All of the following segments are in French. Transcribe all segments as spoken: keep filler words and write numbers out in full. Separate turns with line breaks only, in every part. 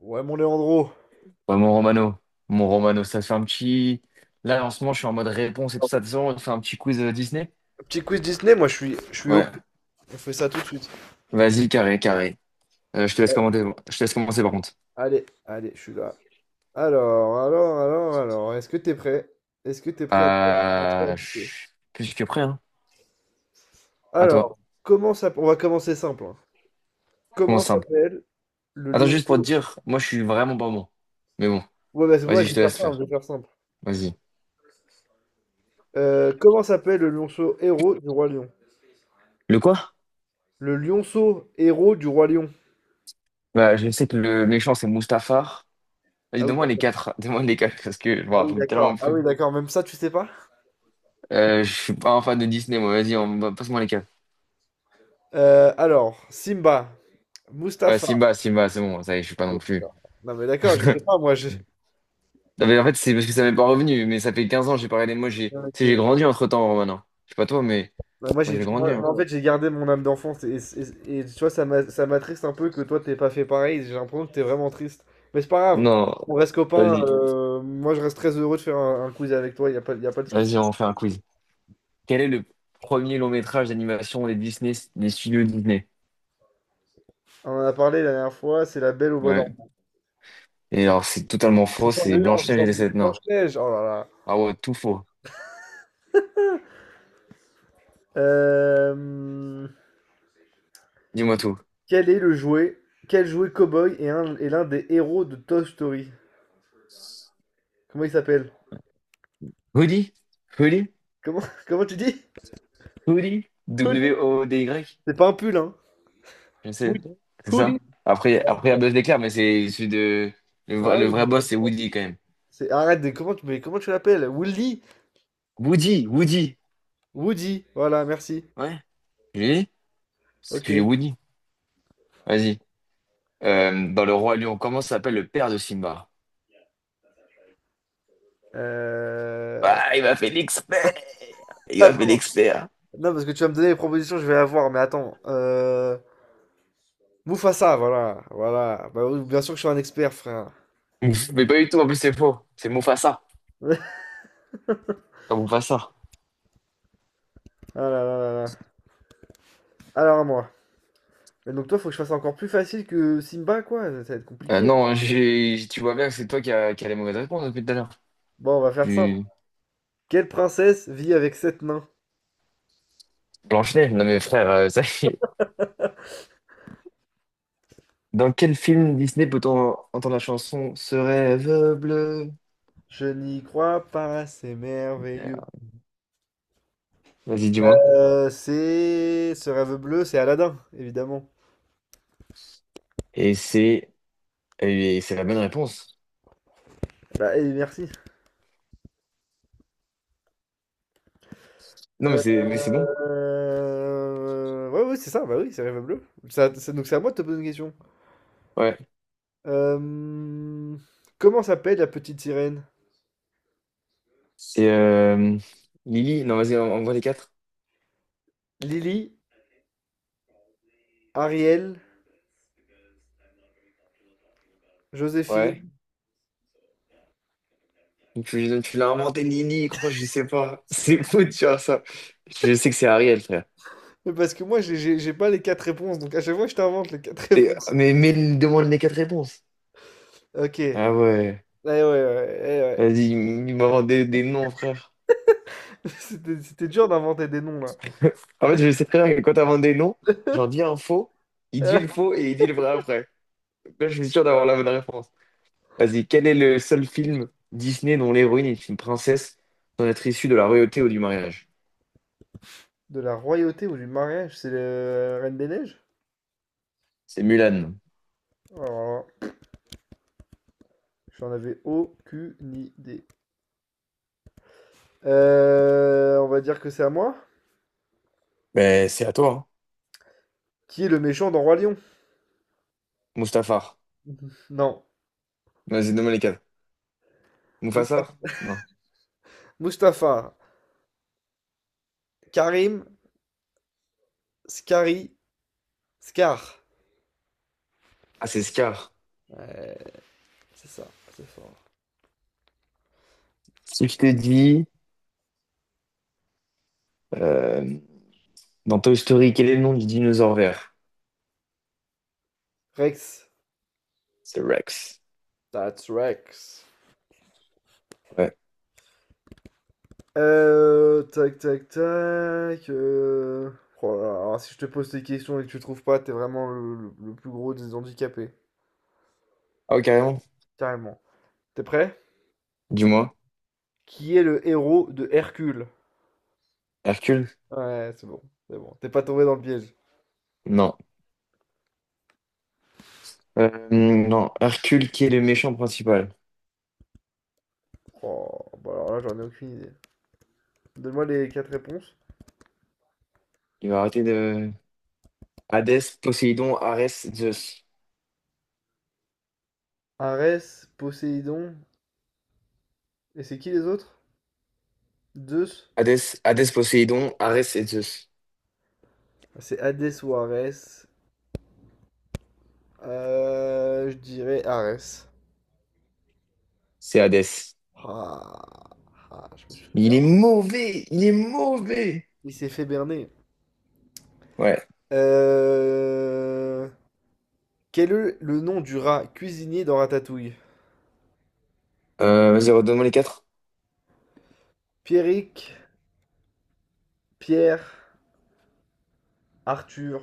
Ouais, mon Léandro.
Ouais, mon Romano, mon Romano, ça te fait un petit. Là, en ce moment, je suis en mode réponse et tout ça. De toute façon, on te fait un petit quiz euh, Disney?
Petit quiz Disney, moi je suis, je suis au.
Ouais.
On fait ça tout de suite.
Vas-y, carré, carré. Euh, je te laisse
Ouais.
commenter. Je te laisse commencer par contre.
Allez, allez, je suis là. Alors, alors, alors, alors, est-ce que t'es prêt? Est-ce que t'es prêt à te faire à te faire
Euh, je
bouffer
suis plus que prêt, hein. À toi.
Alors, comment ça... On va commencer simple, hein. Comment
Commence simple.
s'appelle le
Attends, juste pour te
lionceau...
dire, moi, je suis vraiment pas bon. Mais bon,
Ouais, bah, c'est pour ça
vas-y,
que
je
je
te
vais faire
laisse
simple, je
faire.
vais faire simple.
Vas-y.
Euh, comment s'appelle le lionceau héros du roi lion?
Le quoi?
Le lionceau héros du roi lion.
Bah, je sais que le méchant, c'est Mustafar. Vas-y,
Ah oui,
donne-moi les
d'accord.
quatre. Donne-moi les quatre parce que je me
Ah oui,
rappelle
d'accord.
tellement
Ah
plus.
oui, d'accord. Même ça, tu sais pas?
Euh, je suis pas un fan de Disney, moi. Vas-y, on passe-moi les quatre.
Euh, alors, Simba,
Ouais,
Mustapha.
Simba, Simba, c'est bon, ça y est, je suis pas non plus.
Non, mais d'accord, je sais pas, moi, je...
Non, mais en fait, c'est parce que ça m'est pas revenu, mais ça fait quinze ans, j'ai pas regardé. Moi, j'ai, tu sais, j'ai
Ok.
grandi entre-temps, Romain. Je sais pas toi, mais
Non, moi,
moi,
j'ai,
j'ai grandi,
moi,
hein.
en fait, j'ai gardé mon âme d'enfance et, et- et tu vois, ça m'a- ça m'attriste un peu que toi, t'aies pas fait pareil. J'ai l'impression que t'es vraiment triste. Mais c'est pas grave,
Non,
on reste copains.
vas-y,
Euh, moi, je reste très heureux de faire un, un quiz avec toi, y a pas, y a pas de souci.
vas-y, on fait un quiz. Quel est le premier long métrage d'animation des Disney, des studios Disney?
On en a parlé la dernière fois, c'est la Belle au bois
Ouais.
dormant.
Et alors, c'est totalement
C'est
faux, c'est Blanche-Neige
sur
et les
le
Sept Nains.
Blanche-Neige, oh là là.
Ah ouais, tout faux.
Euh,
Dis-moi tout.
quel est le jouet, Quel jouet cow-boy est un- est l'un des héros de Toy Story? Comment il s'appelle?
Hoodie? Hoodie?
Comment comment tu dis?
Hoodie?
Pull.
W O D Y?
C'est pas un pull, hein?
Je sais,
Woody.
c'est ça.
Woody.
Après, après, il y a Buzz l'éclair, mais c'est celui de. Le,
Ah
vrai le
oui,
vrai boss, c'est Woody quand même.
c'est- arrête, de- comment tu, mais comment tu l'appelles? Woody?
Woody, Woody.
Woody, voilà, merci.
Ouais, je l'ai dit. Parce
Ok.
que j'ai Woody. Vas-y. Euh, dans Le Roi Lion, comment s'appelle le père de Simba?
Euh,
Ah, il m'a fait l'expert! Il m'a fait
Attends,
l'expert.
non, parce que tu vas me donner les propositions, je vais la voir, mais attends. Euh... Mufasa, voilà, voilà. Bah oui, bien sûr que je suis un expert, frère.
Mais pas du tout, en plus, c'est faux. C'est Mufasa. Pas Mufasa.
Ah là là là là. Alors à moi. Et donc toi, faut que je fasse encore plus facile que Simba, quoi. Ça, ça va être
Euh,
compliqué.
non, j'ai, tu vois bien que c'est toi qui as qui a les mauvaises réponses depuis tout à l'heure.
Bon, on va faire ça.
Tu...
Quelle princesse vit avec sept nains?
Blanche-Neige, non mais frère, euh, ça, Dans quel film Disney peut-on entendre la chanson Ce rêve bleu?
Je n'y crois pas, c'est merveilleux.
Merde. Vas-y, dis-moi.
Euh, c'est ce rêve bleu, c'est Aladdin, évidemment.
Et c'est et c'est la bonne réponse.
Bah, et merci.
Non, mais
Euh,
c'est mais c'est bon.
euh, Ouais, ouais, c'est ça, bah oui, c'est rêve bleu. Ça, ça- donc c'est à moi de te poser une question.
Ouais.
Euh, Comment s'appelle la petite sirène?
C'est euh, Lily. Non, vas-y, on voit les quatre.
Lily, Ariel, Joséphine?
Ouais. Tu, tu l'as inventé, Lily, crois, je sais pas. C'est fou de faire ça. Je sais que c'est Ariel, frère.
Mais parce que moi, j'ai j'ai- j'ai pas les quatre réponses, donc à chaque fois, je t'invente les quatre
Et-
réponses.
mais, mais il demande les quatre réponses.
Ok. Eh
Ah ouais.
ouais, ouais, eh ouais.
Vas-y, il m'invente des, des noms, frère.
C'était c'était dur d'inventer des noms, là.
En fait, je sais très bien que quand t'inventes des noms, j'en dis un faux, il dit le faux et il dit le vrai après. Là, je suis sûr d'avoir la bonne réponse. Vas-y, quel est le seul film Disney dont l'héroïne est une princesse sans être issue de la royauté ou du mariage?
De la royauté ou du mariage, c'est la Reine des Neiges?
C'est Mulan.
Oh. J'en avais aucune idée. Euh, on va dire que c'est à moi.
Ben, c'est à toi, hein.
Qui est le méchant dans Roi Lion?
Mustafar.
Non.
Vas-y, nomme les quatre. Mufasa?
Mustapha.
Non.
Mustapha. Karim. Scary. Scar.
Ah, c'est Scar.
Ouais, c'est ça. C'est fort.
Si je te dis, euh, dans Toy Story, quel est le nom du dinosaure vert?
Rex.
C'est Rex.
That's Rex.
Ouais.
Euh, tac, tac, tac. Euh, Oh là là, alors si je te pose des questions et que tu trouves pas, t'es vraiment le, le- le plus gros des handicapés.
Ah, ouais, carrément.
Carrément. T'es prêt?
Dis-moi.
Qui est le héros de Hercule?
Hercule?
Ouais, c'est bon. C'est bon. T'es pas tombé dans le piège.
Non. Euh, non. Hercule, qui est le méchant principal?
Oh, bah alors là, j'en ai aucune idée. Donne-moi les quatre réponses.
Il va arrêter de... Hadès, Poséidon, Arès, Zeus.
Arès, Poséidon, et c'est qui les autres? Zeus?
Hadès, Hadès, Poséidon, Arès et Zeus.
C'est Hadès ou Arès. Euh, je dirais Arès.
C'est Hadès.
Ah, ah, je me suis fait
Il est
berner.
mauvais, il est mauvais.
Il s'est fait berner.
Ouais.
Euh, Quel est le nom du rat cuisinier dans Ratatouille?
Euh, vas-y, redonne-moi les quatre.
Pierrick, Pierre, Arthur,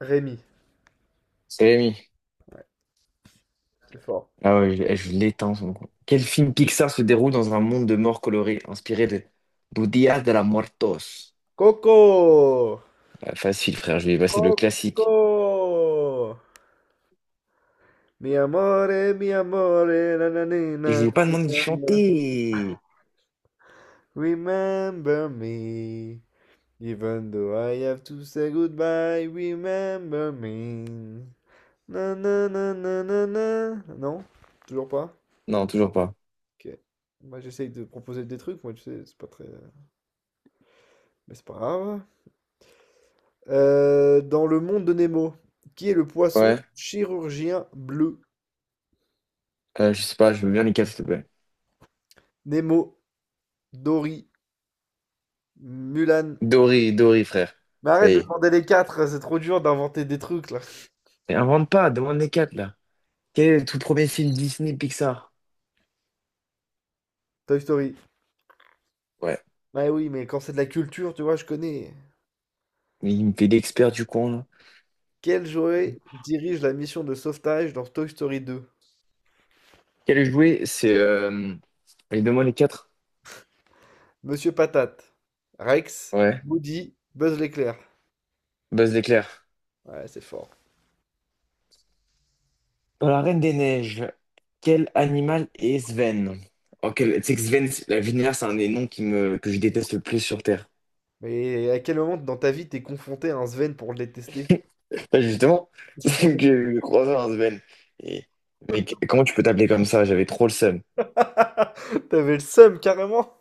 Rémi.
C'est Rémi.
C'est fort.
Ah ouais, je, eh, je l'éteins son coup. Quel film Pixar se déroule dans un monde de morts colorés, inspiré de Budia de la Muertos?
Coco!
Ouais, facile, frère, je vais passer le classique.
Coco! Mi amore, mi amore, na na na
Et
na
je lui ai pas demandé de
na.
chanter.
Remember me. Even though I have to say goodbye, remember me. Na na na na na na. Non? Toujours pas?
Non, toujours pas.
Ok. Moi j'essaye de proposer des trucs, moi tu sais, c'est pas très. Mais c'est pas grave. Euh, dans le monde de Nemo, qui est le poisson
Ouais.
chirurgien bleu?
Euh, je sais pas, je veux bien les quatre, s'il te plaît.
Nemo, Dory, Mulan.
Dory, Dory, frère.
Mais
Ça
arrête
y
de
est.
demander les quatre, c'est trop dur d'inventer des trucs là.
Mais invente pas, demande les quatre, là. Quel est le tout premier film Disney Pixar?
Toy Story.
Ouais.
Bah oui, mais quand c'est de la culture, tu vois, je connais.
Mais il me fait l'expert du coin, là.
Quel Joey dirige la mission de sauvetage dans Toy Story deux?
Quel jouet? C'est. Euh... Allez, donne-moi les quatre.
Monsieur Patate, Rex,
Ouais.
Woody, Buzz l'éclair.
Buzz d'éclair.
Ouais, c'est fort.
Dans la Reine des Neiges, quel animal est Sven? En quel... Tu sais que Sven, c'est la vénère, c'est un des noms qui me... que je déteste le plus sur Terre.
Mais à quel moment dans ta vie t'es confronté à un Sven pour le détester?
Bah, justement, c'est que j'ai croisé un Sven. Et... Mais qu- comment tu peux t'appeler comme ça? J'avais trop le seum.
T'avais le seum carrément?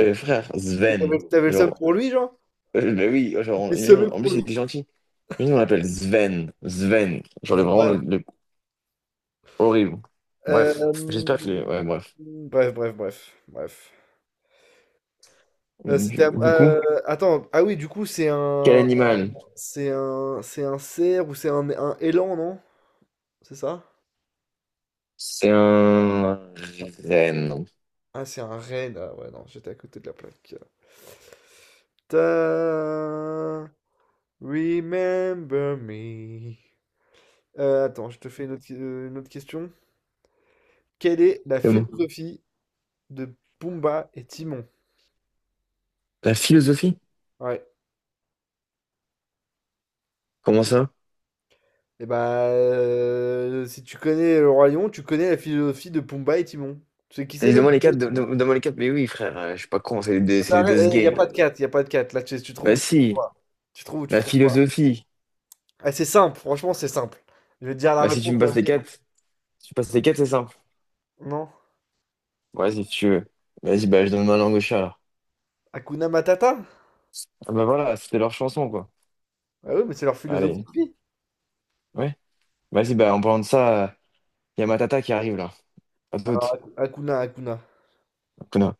Euh, frère,
Mais T'avais
Sven.
t'avais le seum
Genre,
pour lui, genre?
euh, bah oui, genre,
T'es semé
on- en
pour
plus, il
lui.
était gentil. Lui, on l'appelle Sven. Sven. Genre, le- vraiment
Bref.
le, horrible. Bref,
Euh,
j'espère que... Ouais, bref.
Bref, bref, bref, bref. Euh,
Du,
c'était ap-
du coup,
euh, attends, ah oui, du coup, c'est
quel
un
animal?
c'est un C'est un cerf ou c'est un, un élan, non? C'est ça?
C'est un renne.
Ah, c'est un renne. Ah ouais, non, j'étais à côté de la plaque. Ta- Remember me. Euh, attends, je te fais une autre, euh, une autre question. Quelle est la
Comment
philosophie de Pumba et Timon?
la philosophie?
Ouais.
Comment ça?
Et bah, euh, si tu connais le Roi Lion, tu connais la philosophie de Pumba et Timon. Tu sais qui c'est
Vas-y,
même
donne-moi les
Pumba et
quatre, don-
Timon?
don- donne-moi les quatre. Mais oui, frère, euh, je suis pas con, c'est les deux, c'est les deux ce
Il n'y a
game,
pas
là.
de quatre il n'y a pas de quatre Là, tu, tu
Bah
trouves ou tu trouves
si,
pas. Tu trouves ou tu
la
trouves pas.
philosophie.
Ah, c'est simple, franchement, c'est simple. Je vais te dire la
Bah si tu
réponse,
me
tu vas
passes
me
les
dire.
quatre, si tu passes les quatre, c'est simple.
Non.
Ouais, si tu veux. Vas-y, bah je donne ma langue au chat, alors.
Hakuna Matata?
Ah, bah voilà, c'était leur chanson, quoi.
Ah oui, mais c'est leur philosophie
Allez,
de vie.
ouais. Vas-y, bah en parlant de ça, il y a ma tata qui arrive, là. À toute.
Alors, Hakuna, Hakuna.
Connard.